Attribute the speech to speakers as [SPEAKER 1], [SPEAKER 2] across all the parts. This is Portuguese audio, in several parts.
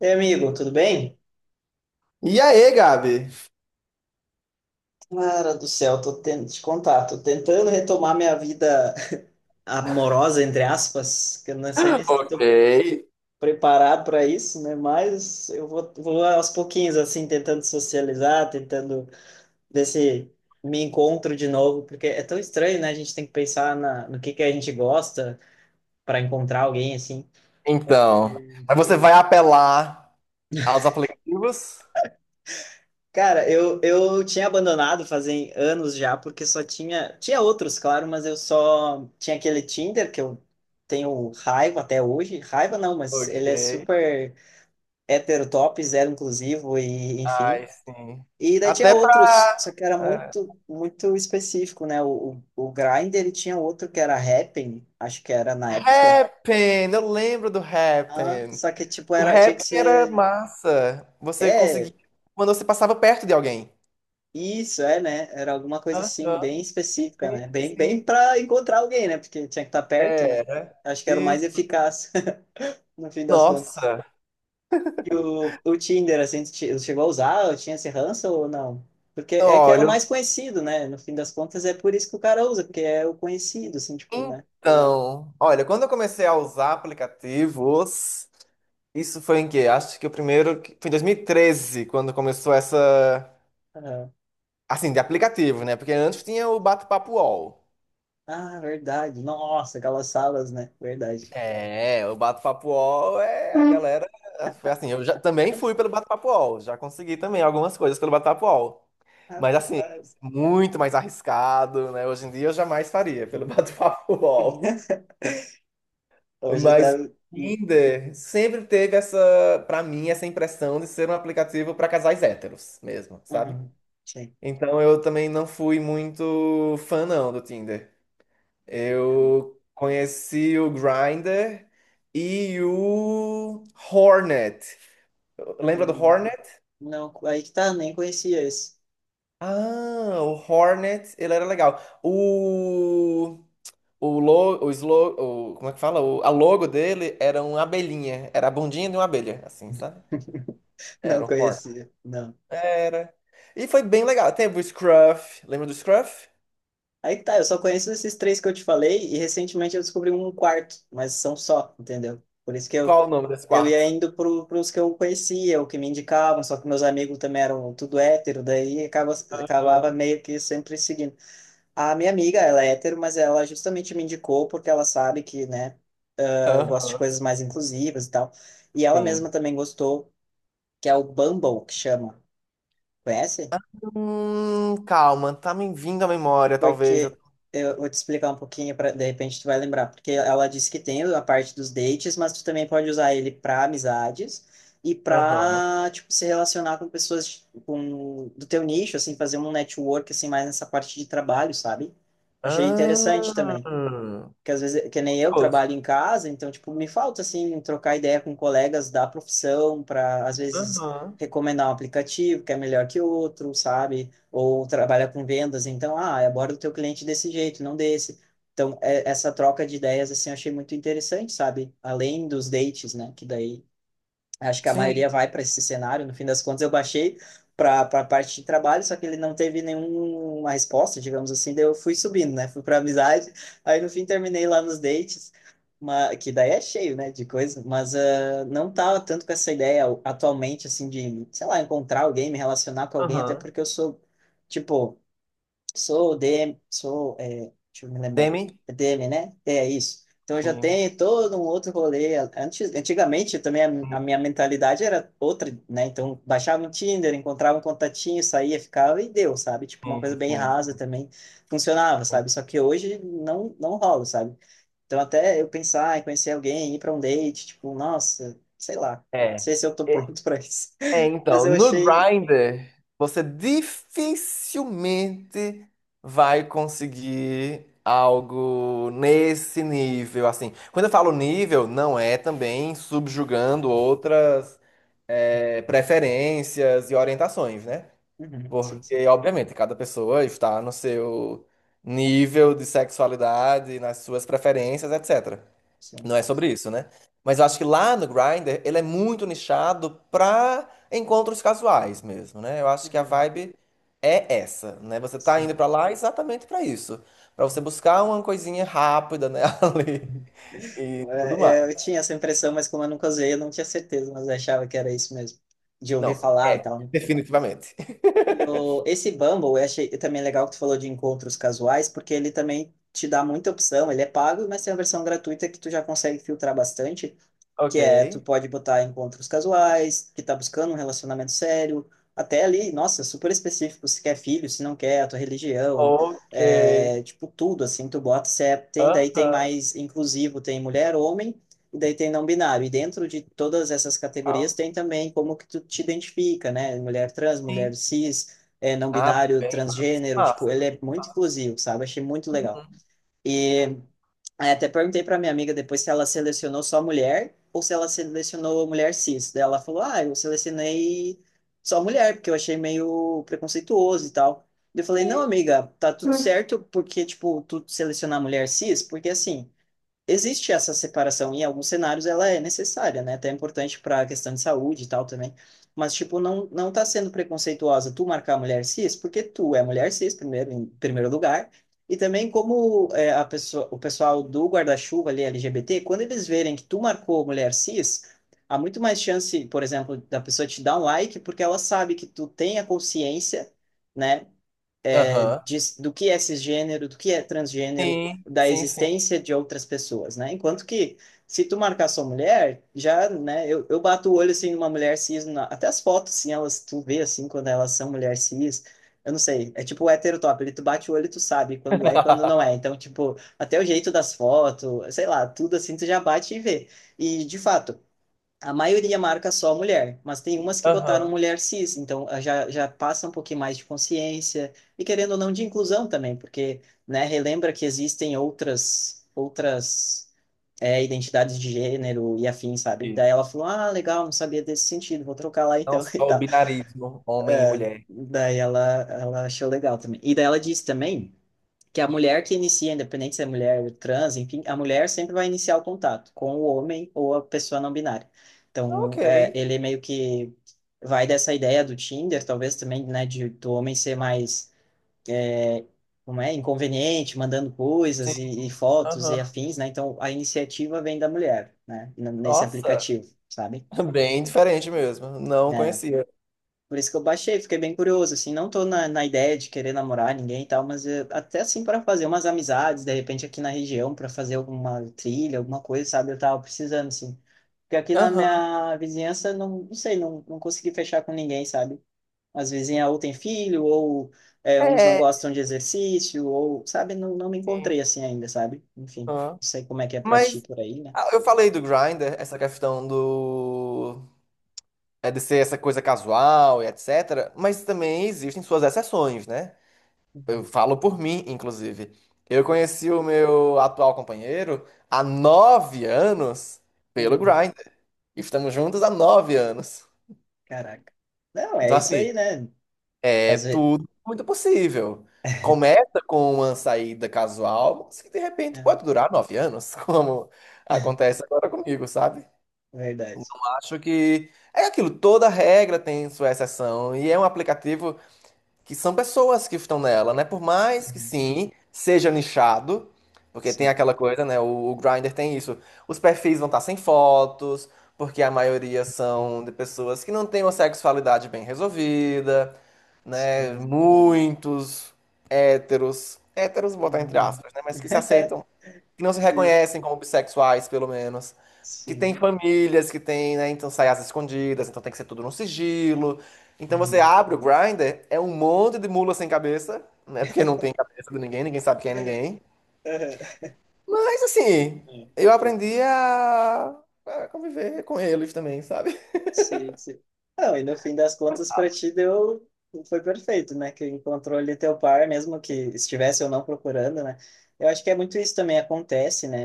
[SPEAKER 1] E amigo, tudo bem?
[SPEAKER 2] E aí, Gabi?
[SPEAKER 1] Cara do céu, tô tentando te contar, tô tentando retomar minha vida amorosa, entre aspas, que eu não sei nem se eu tô
[SPEAKER 2] Ei,
[SPEAKER 1] preparado para isso, né? Mas eu vou aos pouquinhos, assim, tentando socializar, tentando ver se me encontro de novo, porque é tão estranho, né? A gente tem que pensar no que a gente gosta para encontrar alguém, assim.
[SPEAKER 2] então. Mas você vai apelar aos aplicativos?
[SPEAKER 1] Cara, eu tinha abandonado fazem anos já, porque só tinha. Tinha outros, claro, mas eu só tinha aquele Tinder que eu tenho raiva até hoje. Raiva não, mas ele
[SPEAKER 2] Ok.
[SPEAKER 1] é super heterotop zero inclusivo, e enfim.
[SPEAKER 2] Ai, sim.
[SPEAKER 1] E daí tinha
[SPEAKER 2] Até
[SPEAKER 1] outros, só
[SPEAKER 2] pra.
[SPEAKER 1] que era
[SPEAKER 2] é,
[SPEAKER 1] muito, muito específico, né? O Grindr e tinha outro que era Happn, acho que era na época.
[SPEAKER 2] Happn! Eu lembro do
[SPEAKER 1] Ah,
[SPEAKER 2] Happn.
[SPEAKER 1] só que, tipo,
[SPEAKER 2] O
[SPEAKER 1] era, tinha que
[SPEAKER 2] Happn era
[SPEAKER 1] ser.
[SPEAKER 2] massa. Você conseguia.
[SPEAKER 1] É.
[SPEAKER 2] Quando você passava perto de alguém.
[SPEAKER 1] Isso, é, né? Era alguma coisa assim,
[SPEAKER 2] Aham,
[SPEAKER 1] bem específica,
[SPEAKER 2] sim,
[SPEAKER 1] né? Bem, bem
[SPEAKER 2] sim.
[SPEAKER 1] para encontrar alguém, né? Porque tinha que estar perto, né?
[SPEAKER 2] Era.
[SPEAKER 1] Acho que era o
[SPEAKER 2] E.
[SPEAKER 1] mais eficaz, no fim das contas.
[SPEAKER 2] Nossa.
[SPEAKER 1] E o Tinder, assim, chegou a usar? Ou tinha esse ranço ou não? Porque é que era o
[SPEAKER 2] Olha,
[SPEAKER 1] mais conhecido, né? No fim das contas, é por isso que o cara usa, porque é o conhecido, assim, tipo, né?
[SPEAKER 2] então. Olha, quando eu comecei a usar aplicativos. Isso foi em que? Acho que o primeiro. Foi em 2013, quando começou essa.
[SPEAKER 1] Aham.
[SPEAKER 2] Assim, de aplicativo, né? Porque antes tinha o Bate-Papo UOL.
[SPEAKER 1] Ah, verdade. Nossa, aquelas salas, né? Verdade.
[SPEAKER 2] É, o Bate-Papo UOL é a
[SPEAKER 1] Hum.
[SPEAKER 2] galera. Foi assim, eu já também fui pelo Bate-Papo UOL. Já consegui também algumas coisas pelo Bate-Papo UOL. Mas assim,
[SPEAKER 1] Rapaz.
[SPEAKER 2] muito mais arriscado, né? Hoje em dia eu jamais faria pelo Bate-Papo UOL.
[SPEAKER 1] Hoje
[SPEAKER 2] Mas o
[SPEAKER 1] deve. Uhum.
[SPEAKER 2] Tinder sempre teve essa, pra mim, essa impressão de ser um aplicativo pra casais héteros mesmo, sabe?
[SPEAKER 1] Sim.
[SPEAKER 2] Então eu também não fui muito fã não do Tinder. Eu conheci o Grindr e o Hornet. Lembra do
[SPEAKER 1] Hum,
[SPEAKER 2] Hornet?
[SPEAKER 1] não, aí que tá, nem conhecia esse.
[SPEAKER 2] Ah, o Hornet, ele era legal. O lo, o, slo, o Como é que fala? O, a logo dele era uma abelhinha, era a bundinha de uma abelha, assim, sabe?
[SPEAKER 1] Não
[SPEAKER 2] Era o Hornet.
[SPEAKER 1] conhecia, não.
[SPEAKER 2] Era. E foi bem legal. Teve o Scruff. Lembra do Scruff?
[SPEAKER 1] Aí que tá, eu só conheço esses três que eu te falei e recentemente eu descobri um quarto, mas são só, entendeu? Por isso que
[SPEAKER 2] Qual o nome desse
[SPEAKER 1] eu ia
[SPEAKER 2] quarto?
[SPEAKER 1] indo pros que eu conhecia, o que me indicavam, só que meus amigos também eram tudo hétero, daí acabava
[SPEAKER 2] Aham.
[SPEAKER 1] meio que sempre seguindo. A minha amiga, ela é hétero, mas ela justamente me indicou porque ela sabe que, né, eu gosto de
[SPEAKER 2] Aham.
[SPEAKER 1] coisas mais inclusivas e tal. E ela mesma
[SPEAKER 2] Sim.
[SPEAKER 1] também gostou, que é o Bumble, que chama. Conhece?
[SPEAKER 2] Calma, tá me vindo à memória, talvez.
[SPEAKER 1] Porque eu vou te explicar um pouquinho para de repente tu vai lembrar, porque ela disse que tem a parte dos dates, mas tu também pode usar ele para amizades e
[SPEAKER 2] Aham.
[SPEAKER 1] para tipo se relacionar com pessoas com do teu nicho, assim, fazer um network assim mais nessa parte de trabalho, sabe? Achei interessante também
[SPEAKER 2] Ah.
[SPEAKER 1] que às vezes, que nem eu
[SPEAKER 2] Curioso.
[SPEAKER 1] trabalho em casa, então, tipo, me falta, assim, trocar ideia com colegas da profissão para, às vezes,
[SPEAKER 2] Aham.
[SPEAKER 1] recomendar um aplicativo que é melhor que outro, sabe? Ou trabalha com vendas, então, ah, aborda o teu cliente desse jeito, não desse. Então, essa troca de ideias, assim, eu achei muito interessante, sabe? Além dos dates, né? Que daí acho que a maioria
[SPEAKER 2] Sim.
[SPEAKER 1] vai para esse cenário. No fim das contas, eu baixei para a parte de trabalho, só que ele não teve nenhuma resposta, digamos assim. Daí eu fui subindo, né? Fui para amizade. Aí no fim terminei lá nos dates, que daí é cheio, né, de coisa. Mas ah, não tava tanto com essa ideia atualmente, assim, de, sei lá, encontrar alguém, me relacionar com alguém, até
[SPEAKER 2] Aham.
[SPEAKER 1] porque eu sou, tipo, sou DM, sou, é, deixa eu me lembrar,
[SPEAKER 2] Demi?
[SPEAKER 1] é DM, né? É isso. Então eu já
[SPEAKER 2] Sim,
[SPEAKER 1] tenho todo um outro rolê. Antes, antigamente também a minha mentalidade era outra, né? Então baixava um Tinder, encontrava um contatinho, saía, ficava e deu, sabe? Tipo uma
[SPEAKER 2] sim,
[SPEAKER 1] coisa bem rasa
[SPEAKER 2] sim,
[SPEAKER 1] também funcionava,
[SPEAKER 2] sim.
[SPEAKER 1] sabe? Só que hoje não rola, sabe? Então até eu pensar em conhecer alguém, ir para um date, tipo, nossa, sei lá, não
[SPEAKER 2] É.
[SPEAKER 1] sei se eu tô pronto para isso.
[SPEAKER 2] É,
[SPEAKER 1] Mas
[SPEAKER 2] então,
[SPEAKER 1] eu
[SPEAKER 2] no
[SPEAKER 1] achei.
[SPEAKER 2] Grindr, você dificilmente vai conseguir algo nesse nível, assim. Quando eu falo nível, não é também subjugando outras preferências e orientações, né?
[SPEAKER 1] Uhum, sim, sim,
[SPEAKER 2] Porque, obviamente, cada pessoa está no seu nível de sexualidade, nas suas preferências, etc.
[SPEAKER 1] sim.
[SPEAKER 2] Não é sobre isso, né? Mas eu acho que lá no Grindr, ele é muito nichado pra encontros casuais mesmo, né? Eu acho que a
[SPEAKER 1] Uhum,
[SPEAKER 2] vibe é essa, né? Você tá indo
[SPEAKER 1] sim.
[SPEAKER 2] pra lá exatamente pra isso, pra você buscar uma coisinha rápida, né, ali, tudo
[SPEAKER 1] É, é,
[SPEAKER 2] mais.
[SPEAKER 1] eu tinha essa impressão, mas como eu nunca usei, eu não tinha certeza, mas eu achava que era isso mesmo, de ouvir
[SPEAKER 2] Não,
[SPEAKER 1] falar e
[SPEAKER 2] é,
[SPEAKER 1] tal, né?
[SPEAKER 2] definitivamente.
[SPEAKER 1] E esse Bumble, eu achei também legal que tu falou de encontros casuais, porque ele também te dá muita opção, ele é pago, mas tem a versão gratuita que tu já consegue filtrar bastante,
[SPEAKER 2] Ok.
[SPEAKER 1] que é tu pode botar encontros casuais, que tá buscando um relacionamento sério, até ali, nossa, super específico, se quer filho, se não quer, a tua religião,
[SPEAKER 2] Ok.
[SPEAKER 1] é, tipo, tudo, assim, tu bota, se é, tem, daí tem
[SPEAKER 2] Aham.
[SPEAKER 1] mais inclusivo, tem mulher, homem, e daí tem não binário, e dentro de todas essas categorias
[SPEAKER 2] Legal.
[SPEAKER 1] tem também como que tu te identifica, né, mulher trans, mulher
[SPEAKER 2] Sim.
[SPEAKER 1] cis, é, não
[SPEAKER 2] Ah,
[SPEAKER 1] binário,
[SPEAKER 2] bem
[SPEAKER 1] transgênero, tipo, ele
[SPEAKER 2] massa.
[SPEAKER 1] é muito inclusivo, sabe, achei muito legal. E aí até perguntei para minha amiga depois se ela selecionou só mulher ou se ela selecionou mulher cis. Daí ela falou: Ah, eu selecionei só mulher, porque eu achei meio preconceituoso e tal. Eu falei: Não,
[SPEAKER 2] Sim.
[SPEAKER 1] amiga, tá tudo certo porque, tipo, tu selecionar mulher cis, porque assim existe essa separação, e em alguns cenários ela é necessária, né? Até é importante para a questão de saúde e tal também. Mas, tipo, não, não tá sendo preconceituosa tu marcar a mulher cis, porque tu é mulher cis, primeiro, em primeiro lugar. E também como é, a pessoa, o pessoal do guarda-chuva ali, LGBT, quando eles verem que tu marcou mulher cis, há muito mais chance, por exemplo, da pessoa te dar um like, porque ela sabe que tu tem a consciência, né, é,
[SPEAKER 2] Aham.
[SPEAKER 1] de, do que é cisgênero, do que é transgênero,
[SPEAKER 2] Sim,
[SPEAKER 1] da
[SPEAKER 2] sim, sim.
[SPEAKER 1] existência de outras pessoas, né? Enquanto que, se tu marcar sua mulher, já, né, eu bato o olho, assim, numa mulher cis, na, até as fotos, assim, elas, tu vê, assim, quando elas são mulher cis, eu não sei, é tipo o hétero top, ele tu bate o olho e tu sabe quando é e quando não é. Então, tipo, até o jeito das fotos, sei lá, tudo assim, tu já bate e vê. E, de fato, a maioria marca só mulher, mas tem umas que botaram
[SPEAKER 2] Aham.
[SPEAKER 1] mulher cis, então ah, já, já passa um pouquinho mais de consciência e querendo ou não de inclusão também, porque, né, relembra que existem outras é, identidades de gênero e afins, sabe?
[SPEAKER 2] Isso.
[SPEAKER 1] Daí ela falou, ah, legal, não sabia desse sentido, vou trocar lá
[SPEAKER 2] Não
[SPEAKER 1] então e
[SPEAKER 2] só o
[SPEAKER 1] tal.
[SPEAKER 2] binarismo, homem e mulher.
[SPEAKER 1] Daí ela achou legal também. E daí ela disse também que a mulher que inicia, independente se é mulher trans, enfim, a mulher sempre vai iniciar o contato com o homem ou a pessoa não binária.
[SPEAKER 2] Ok.
[SPEAKER 1] Então, é, ele meio que vai dessa ideia do Tinder, talvez também, né, de, do homem ser mais, é, como é, inconveniente, mandando
[SPEAKER 2] Sim,
[SPEAKER 1] coisas e fotos e
[SPEAKER 2] aham.
[SPEAKER 1] afins, né? Então, a iniciativa vem da mulher, né, nesse
[SPEAKER 2] Nossa,
[SPEAKER 1] aplicativo, sabe?
[SPEAKER 2] bem diferente mesmo. Não
[SPEAKER 1] É,
[SPEAKER 2] conhecia.
[SPEAKER 1] por isso que eu baixei, fiquei bem curioso, assim, não tô na, na ideia de querer namorar ninguém e tal, mas até assim para fazer umas amizades, de repente aqui na região, para fazer alguma trilha, alguma coisa, sabe? Eu tava precisando, assim. Porque aqui na
[SPEAKER 2] Aham.
[SPEAKER 1] minha vizinhança, não, não sei, não, não consegui fechar com ninguém, sabe? As vizinhas ou tem filho, ou uns não
[SPEAKER 2] É.
[SPEAKER 1] gostam de exercício, ou, sabe? Não, não me encontrei assim ainda, sabe? Enfim,
[SPEAKER 2] Aham.
[SPEAKER 1] não sei como é que é pra ti
[SPEAKER 2] Mas
[SPEAKER 1] por aí, né?
[SPEAKER 2] ah, eu falei do Grindr, essa questão do. É de ser essa coisa casual e etc. Mas também existem suas exceções, né? Eu
[SPEAKER 1] Uhum.
[SPEAKER 2] falo por mim, inclusive. Eu conheci o meu atual companheiro há 9 anos pelo
[SPEAKER 1] Uhum.
[SPEAKER 2] Grindr. Estamos juntos há 9 anos.
[SPEAKER 1] Caraca. Não, é
[SPEAKER 2] Então,
[SPEAKER 1] isso
[SPEAKER 2] assim,
[SPEAKER 1] aí, né?
[SPEAKER 2] é
[SPEAKER 1] Às vezes.
[SPEAKER 2] tudo muito possível. Começa com uma saída casual, mas que de repente pode
[SPEAKER 1] É,
[SPEAKER 2] durar 9 anos, como acontece agora comigo, sabe? Então
[SPEAKER 1] verdade.
[SPEAKER 2] acho que é aquilo, toda regra tem sua exceção, e é um aplicativo que são pessoas que estão nela, né? Por mais que
[SPEAKER 1] Uhum.
[SPEAKER 2] sim, seja nichado, porque tem
[SPEAKER 1] Sim,
[SPEAKER 2] aquela coisa, né? O Grindr tem isso. Os perfis vão estar sem fotos, porque a maioria são de pessoas que não têm uma sexualidade bem resolvida, né?
[SPEAKER 1] sim.
[SPEAKER 2] Muitos héteros, vou botar entre
[SPEAKER 1] Uhum.
[SPEAKER 2] aspas, né? Mas que se aceitam, que não se
[SPEAKER 1] Sim,
[SPEAKER 2] reconhecem como bissexuais, pelo menos. Que tem
[SPEAKER 1] sim.
[SPEAKER 2] famílias, que tem, né? Então sai as escondidas, então tem que ser tudo no sigilo. Então você
[SPEAKER 1] Uhum.
[SPEAKER 2] abre o Grindr, é um monte de mula sem cabeça, né? Porque não tem cabeça de ninguém, ninguém sabe quem é ninguém. Mas assim,
[SPEAKER 1] Uhum.
[SPEAKER 2] eu aprendi a conviver com eles também, sabe?
[SPEAKER 1] Sim, sim. Não, e no fim das contas, para ti deu. Foi perfeito, né? Que encontrou ali teu par, mesmo que estivesse ou não procurando, né? Eu acho que é muito isso também acontece, né?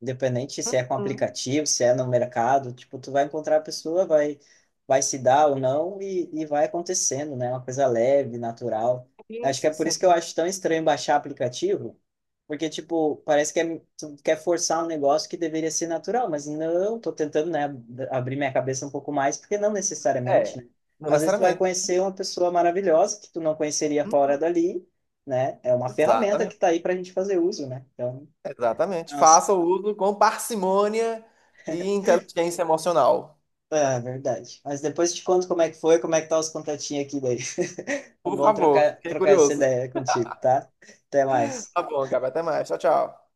[SPEAKER 1] Independente se é com aplicativo, se é no mercado, tipo, tu vai encontrar a pessoa, vai, se dar ou não e vai acontecendo, né? Uma coisa leve, natural.
[SPEAKER 2] Sim,
[SPEAKER 1] Acho que é
[SPEAKER 2] sim,
[SPEAKER 1] por isso que eu
[SPEAKER 2] sim.
[SPEAKER 1] acho tão estranho baixar aplicativo. Porque, tipo, parece que é, tu quer forçar um negócio que deveria ser natural, mas não, tô tentando, né, abrir minha cabeça um pouco mais, porque não necessariamente,
[SPEAKER 2] É,
[SPEAKER 1] né?
[SPEAKER 2] não
[SPEAKER 1] Às vezes tu vai
[SPEAKER 2] necessariamente.
[SPEAKER 1] conhecer uma pessoa maravilhosa que tu não conheceria fora dali, né? É uma ferramenta que tá
[SPEAKER 2] Exatamente,
[SPEAKER 1] aí pra gente fazer uso, né? Então,
[SPEAKER 2] exatamente.
[SPEAKER 1] as...
[SPEAKER 2] Faça o uso com parcimônia e inteligência emocional.
[SPEAKER 1] é verdade. Mas depois eu te conto como é que foi, como é que tá os contatinhos aqui daí. É
[SPEAKER 2] Por
[SPEAKER 1] bom
[SPEAKER 2] favor, fiquei
[SPEAKER 1] trocar essa
[SPEAKER 2] curioso.
[SPEAKER 1] ideia contigo, tá? Até
[SPEAKER 2] Tá
[SPEAKER 1] mais.
[SPEAKER 2] bom, Gabi, até mais. Tchau, tchau.